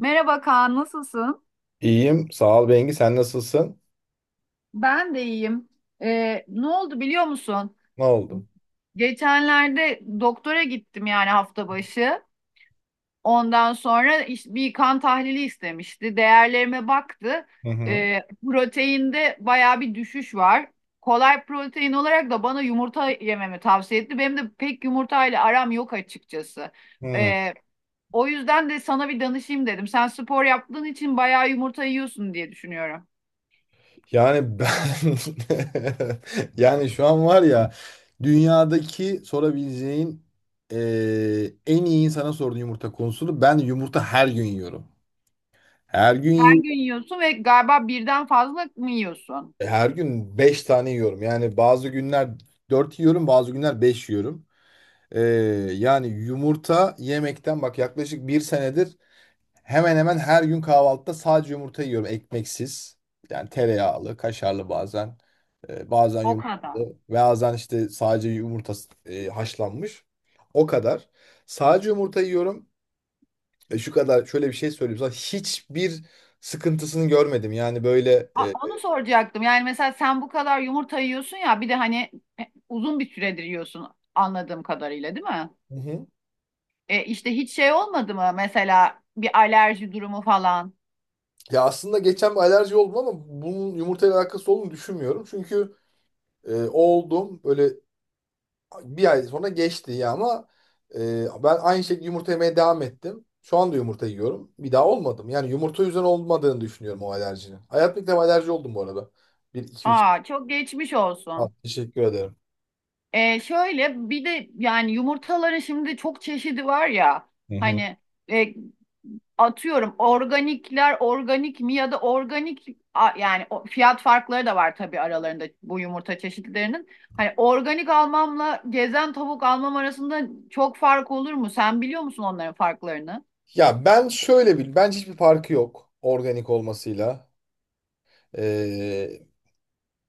Merhaba Kaan, nasılsın? İyiyim. Sağ ol, Bengi. Sen nasılsın? Ben de iyiyim. Ne oldu biliyor musun? Ne oldu? Geçenlerde doktora gittim yani hafta başı. Ondan sonra bir kan tahlili istemişti. Değerlerime baktı. Hı hı. Ee, proteinde baya bir düşüş var. Kolay protein olarak da bana yumurta yememi tavsiye etti. Benim de pek yumurtayla aram yok açıkçası. Hı. Ee, o yüzden de sana bir danışayım dedim. Sen spor yaptığın için bayağı yumurta yiyorsun diye düşünüyorum. Yani ben, yani şu an var ya, dünyadaki sorabileceğin en iyi insana sorduğun yumurta konusunu ben yumurta her gün yiyorum. Her gün Her yiyorum. gün yiyorsun ve galiba birden fazla mı yiyorsun? Her gün 5 tane yiyorum. Yani bazı günler 4 yiyorum, bazı günler 5 yiyorum. Eee, yani yumurta yemekten bak, yaklaşık bir senedir hemen hemen her gün kahvaltıda sadece yumurta yiyorum ekmeksiz. Yani tereyağlı, kaşarlı bazen. Bazen O kadar. yumurtalı. Bazen işte sadece yumurta haşlanmış. O kadar. Sadece yumurta yiyorum. Şu kadar şöyle bir şey söyleyeyim sana. Hiçbir sıkıntısını görmedim. Yani böyle e, Onu soracaktım. Yani mesela sen bu kadar yumurta yiyorsun ya bir de hani uzun bir süredir yiyorsun anladığım kadarıyla değil mi? Hı hı. E işte hiç şey olmadı mı mesela bir alerji durumu falan? Ya aslında geçen bir alerji oldum ama bunun yumurtayla alakası olduğunu düşünmüyorum. Çünkü oldum böyle, bir ay sonra geçti ya, ama ben aynı şekilde yumurta yemeye devam ettim. Şu anda yumurta yiyorum. Bir daha olmadım. Yani yumurta yüzünden olmadığını düşünüyorum o alerjinin. Hayatımda ilk defa alerji oldum bu arada. Bir, iki, üç. Aa çok geçmiş olsun. Teşekkür ederim. Şöyle bir de yani yumurtaların şimdi çok çeşidi var ya Hı hı. hani e, atıyorum organikler organik mi ya da organik yani fiyat farkları da var tabii aralarında bu yumurta çeşitlerinin. Hani organik almamla gezen tavuk almam arasında çok fark olur mu? Sen biliyor musun onların farklarını? Ya ben şöyle bil, bence hiçbir farkı yok organik olmasıyla. Ee,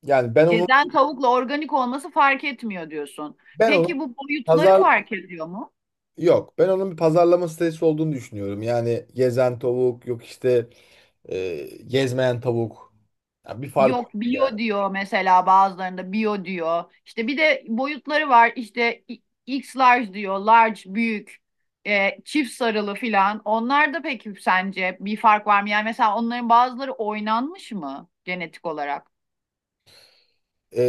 yani ben onun Gezen tavukla organik olması fark etmiyor diyorsun. ben onun Peki bu boyutları pazar fark ediyor mu? yok. Ben onun bir pazarlama stratejisi olduğunu düşünüyorum. Yani gezen tavuk yok işte, gezmeyen tavuk. Ya bir fark Yok yok yani. bio diyor mesela bazılarında bio diyor. İşte bir de boyutları var. İşte X large diyor. Large büyük. Çift sarılı filan. Onlar da peki sence bir fark var mı? Yani mesela onların bazıları oynanmış mı genetik olarak? Ee,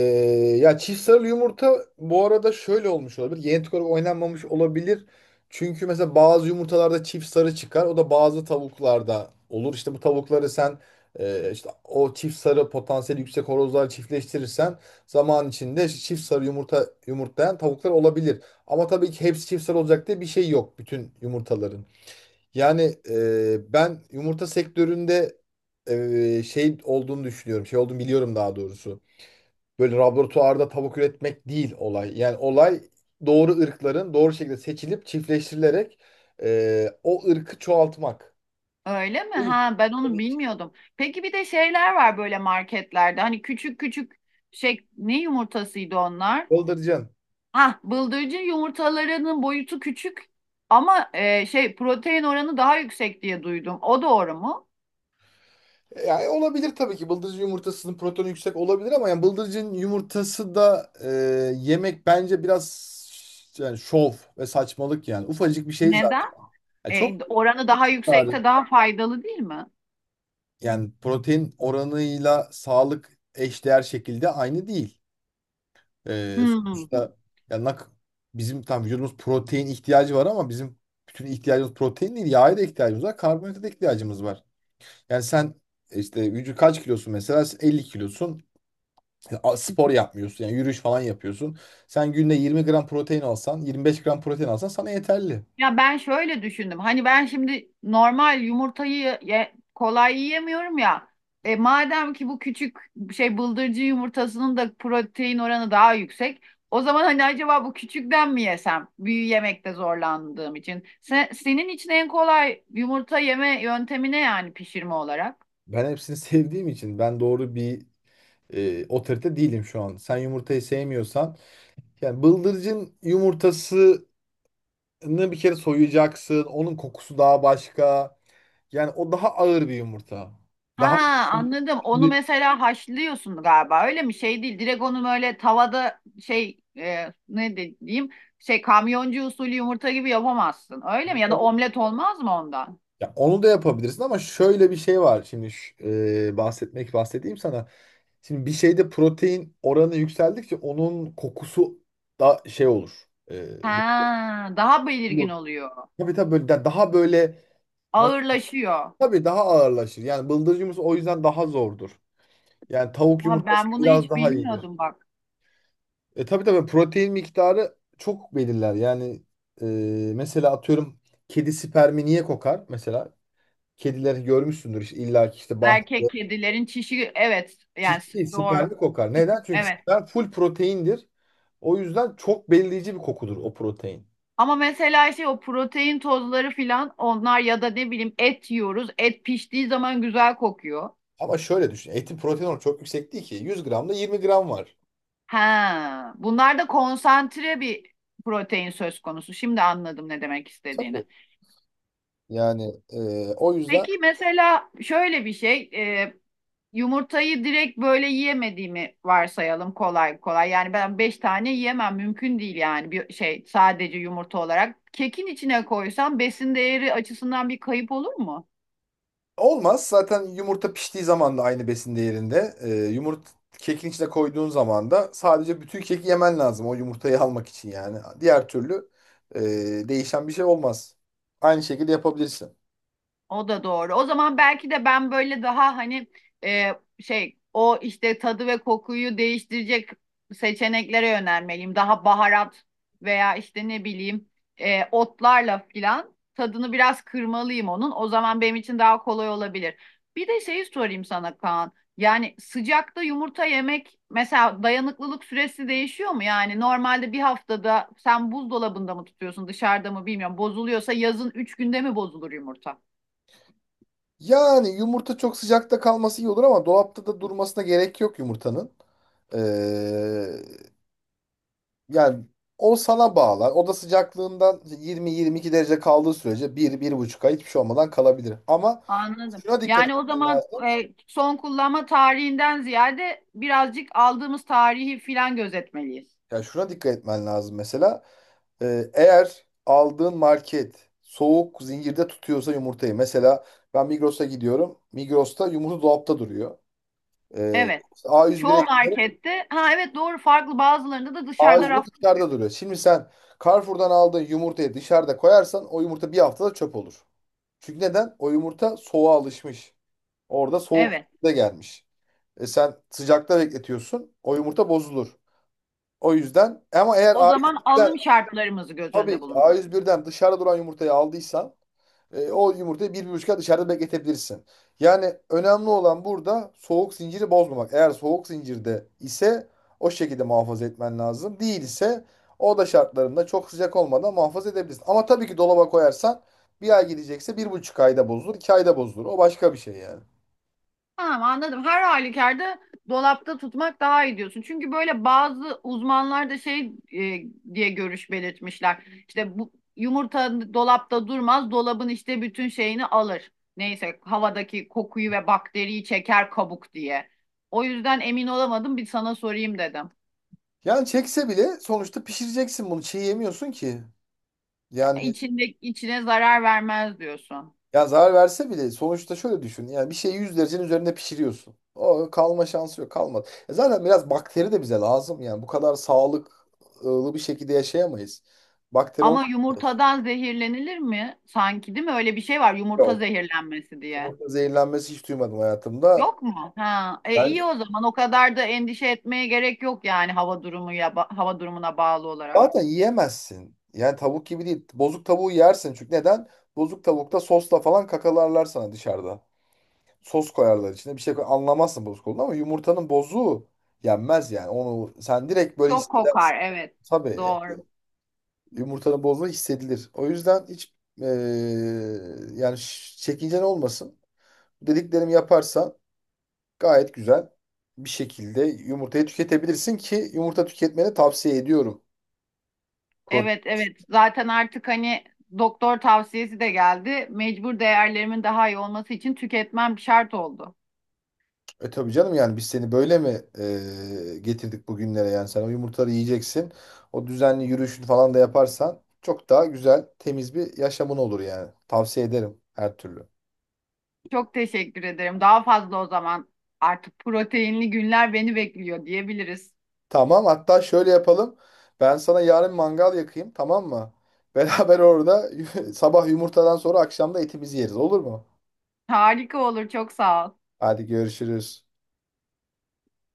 ya çift sarılı yumurta bu arada şöyle olmuş olabilir. Genetik olarak oynanmamış olabilir. Çünkü mesela bazı yumurtalarda çift sarı çıkar. O da bazı tavuklarda olur. İşte bu tavukları sen, işte o çift sarı potansiyeli yüksek horozlar çiftleştirirsen zaman içinde çift sarı yumurta yumurtlayan tavuklar olabilir. Ama tabii ki hepsi çift sarı olacak diye bir şey yok bütün yumurtaların. Yani ben yumurta sektöründe şey olduğunu düşünüyorum. Şey olduğunu biliyorum daha doğrusu. Böyle laboratuvarda tavuk üretmek değil olay. Yani olay, doğru ırkların doğru şekilde seçilip çiftleştirilerek o ırkı çoğaltmak. Öyle mi? O yüzden Ha, ben onu bilmiyordum. Peki bir de şeyler var böyle marketlerde. Hani küçük küçük şey ne yumurtasıydı onlar? bıldırcın. Ha, bıldırcın yumurtalarının boyutu küçük ama şey protein oranı daha yüksek diye duydum. O doğru mu? Yani olabilir tabii ki. Bıldırcın yumurtasının protonu yüksek olabilir ama yani bıldırcın yumurtası da yemek bence biraz yani şov ve saçmalık yani. Ufacık bir şey zaten. Neden? Yani E, çok oranı daha miktarı, yüksekse daha faydalı değil mi? yani protein oranıyla sağlık eşdeğer şekilde aynı değil. Ee, Hmm. sonuçta yani bizim tam vücudumuz protein ihtiyacı var ama bizim bütün ihtiyacımız protein değil. Yağa da ihtiyacımız var. Karbonhidrata da ihtiyacımız var. Yani sen işte vücut, kaç kilosun mesela? Sen 50 kilosun. Ya, spor yapmıyorsun. Yani yürüyüş falan yapıyorsun. Sen günde 20 gram protein alsan, 25 gram protein alsan sana yeterli. Ya ben şöyle düşündüm. Hani ben şimdi normal yumurtayı kolay yiyemiyorum ya. Madem ki bu küçük şey bıldırcın yumurtasının da protein oranı daha yüksek. O zaman hani acaba bu küçükten mi yesem? Büyü yemekte zorlandığım için. Senin için en kolay yumurta yeme yöntemi ne yani pişirme olarak? Ben hepsini sevdiğim için ben doğru bir otorite değilim şu an. Sen yumurtayı sevmiyorsan yani bıldırcın yumurtasını bir kere soyacaksın. Onun kokusu daha başka. Yani o daha ağır bir yumurta. Ha, Daha anladım. Onu mesela haşlıyorsun galiba. Öyle mi? Şey değil. Direkt onu böyle tavada şey ne diyeyim? Şey kamyoncu usulü yumurta gibi yapamazsın. Öyle mi? Ya da omlet olmaz mı ondan? ya onu da yapabilirsin ama şöyle bir şey var. Şimdi ş- e, bahsetmek bahsedeyim sana. Şimdi bir şeyde protein oranı yükseldikçe onun kokusu da şey olur. E, Ha, daha belirgin oluyor. tabii tabii böyle daha böyle, nasıl, Ağırlaşıyor. tabii daha ağırlaşır. Yani bıldırcın yumurtası o yüzden daha zordur. Yani tavuk Ha, yumurtası ben bunu biraz hiç daha iyidir. bilmiyordum bak. Tabii tabii protein miktarı çok belirler. Yani e, mesela atıyorum, kedi spermi niye kokar mesela? Kedileri görmüşsündür işte, illa ki işte Erkek bahçede. kedilerin çişi, evet, yani Çiş değil, doğru. siperli kokar. Neden? Çünkü Evet. siper full proteindir. O yüzden çok belirleyici bir kokudur o protein. Ama mesela şey o protein tozları filan onlar ya da ne bileyim et yiyoruz. Et piştiği zaman güzel kokuyor. Ama şöyle düşün. Etin protein oranı çok yüksek değil ki. 100 gramda 20 gram var. Ha, bunlar da konsantre bir protein söz konusu. Şimdi anladım ne demek istediğini. Tabii. Yani o yüzden Peki mesela şöyle bir şey, e, yumurtayı direkt böyle yiyemediğimi varsayalım kolay kolay. Yani ben 5 tane yiyemem, mümkün değil yani, bir şey sadece yumurta olarak. Kekin içine koysam besin değeri açısından bir kayıp olur mu? olmaz. Zaten yumurta piştiği zaman da aynı besin değerinde. Yumurta kekin içine koyduğun zaman da sadece bütün keki yemen lazım, o yumurtayı almak için yani. Diğer türlü e, değişen bir şey olmaz. Aynı şekilde yapabilirsin. O da doğru. O zaman belki de ben böyle daha hani e, şey o işte tadı ve kokuyu değiştirecek seçeneklere yönelmeliyim. Daha baharat veya işte ne bileyim otlarla filan tadını biraz kırmalıyım onun. O zaman benim için daha kolay olabilir. Bir de şeyi sorayım sana Kaan. Yani sıcakta yumurta yemek mesela dayanıklılık süresi değişiyor mu? Yani normalde bir haftada sen buzdolabında mı tutuyorsun dışarıda mı bilmiyorum. Bozuluyorsa yazın 3 günde mi bozulur yumurta? Yani yumurta çok sıcakta kalması iyi olur, ama dolapta da durmasına gerek yok yumurtanın. Ee, yani o sana bağlar. Oda sıcaklığından 20-22 derece kaldığı sürece bir, bir buçuk ay hiçbir şey olmadan kalabilir. Ama Anladım. şuna dikkat Yani o etmen zaman lazım. Son kullanma tarihinden ziyade birazcık aldığımız tarihi filan gözetmeliyiz. Ya şuna dikkat etmen lazım mesela. Eğer aldığın market soğuk zincirde tutuyorsa yumurtayı. Mesela ben Migros'a gidiyorum. Migros'ta yumurta dolapta duruyor. Ee, Evet. Çoğu A101'e markette, ha evet doğru, farklı bazılarında da Ağacı dışarıda raf. dışarıda duruyor. Şimdi sen Carrefour'dan aldığın yumurtayı dışarıda koyarsan o yumurta bir haftada çöp olur. Çünkü neden? O yumurta soğuğa alışmış. Orada soğuk Evet. da gelmiş. Sen sıcakta bekletiyorsun. O yumurta bozulur. O yüzden ama eğer O ağaç. zaman alım şartlarımızı göz Tabii önünde ki bulun. A101'den dışarıda duran yumurtayı aldıysan o yumurtayı bir, bir buçuk ay dışarıda bekletebilirsin. Yani önemli olan burada soğuk zinciri bozmamak. Eğer soğuk zincirde ise o şekilde muhafaza etmen lazım. Değilse o da şartlarında çok sıcak olmadan muhafaza edebilirsin. Ama tabii ki dolaba koyarsan bir ay gidecekse bir buçuk ayda bozulur, 2 ayda bozulur. O başka bir şey yani. Tamam, anladım. Her halükarda dolapta tutmak daha iyi diyorsun. Çünkü böyle bazı uzmanlar da şey diye görüş belirtmişler. İşte bu yumurta dolapta durmaz, dolabın işte bütün şeyini alır. Neyse, havadaki kokuyu ve bakteriyi çeker kabuk diye. O yüzden emin olamadım, bir sana sorayım dedim. Yani çekse bile sonuçta pişireceksin bunu. Çiğ yemiyorsun ki. Yani, İçinde içine zarar vermez diyorsun. ya zarar verse bile sonuçta şöyle düşün. Yani bir şeyi 100 derecenin üzerinde pişiriyorsun. O kalma şansı yok, kalmadı. Zaten biraz bakteri de bize lazım yani. Bu kadar sağlıklı bir şekilde yaşayamayız. Bakteri Ama olmuyor. yumurtadan zehirlenilir mi? Sanki değil mi? Öyle bir şey var, yumurta Yok. zehirlenmesi diye. Yumurta zehirlenmesi hiç duymadım hayatımda. Yok mu? Ha, Yani iyi o zaman. O kadar da endişe etmeye gerek yok yani hava durumu ya hava durumuna bağlı olarak. zaten yiyemezsin. Yani tavuk gibi değil. Bozuk tavuğu yersin, çünkü neden? Bozuk tavukta sosla falan kakalarlar sana dışarıda. Sos koyarlar içine bir şey koy. Anlamazsın bozuk olduğunu ama yumurtanın bozuğu yenmez yani. Onu sen direkt böyle Çok kokar, hissedersin. evet. Tabii. Doğru. Yumurtanın bozma hissedilir. O yüzden hiç yani çekincen olmasın. Dediklerimi yaparsan gayet güzel bir şekilde yumurtayı tüketebilirsin ki, yumurta tüketmeni tavsiye ediyorum. Pro- Evet, evet. Zaten artık hani doktor tavsiyesi de geldi. Mecbur, değerlerimin daha iyi olması için tüketmem şart oldu. tabii canım, yani biz seni böyle mi getirdik bugünlere, yani sen o yumurtaları yiyeceksin. O düzenli yürüyüşünü falan da yaparsan çok daha güzel, temiz bir yaşamın olur yani. Tavsiye ederim her türlü. Çok teşekkür ederim. Daha fazla o zaman artık proteinli günler beni bekliyor diyebiliriz. Tamam, hatta şöyle yapalım. Ben sana yarın mangal yakayım, tamam mı? Beraber orada sabah yumurtadan sonra akşam da etimizi yeriz, olur mu? Harika olur. Çok sağ ol. Hadi görüşürüz.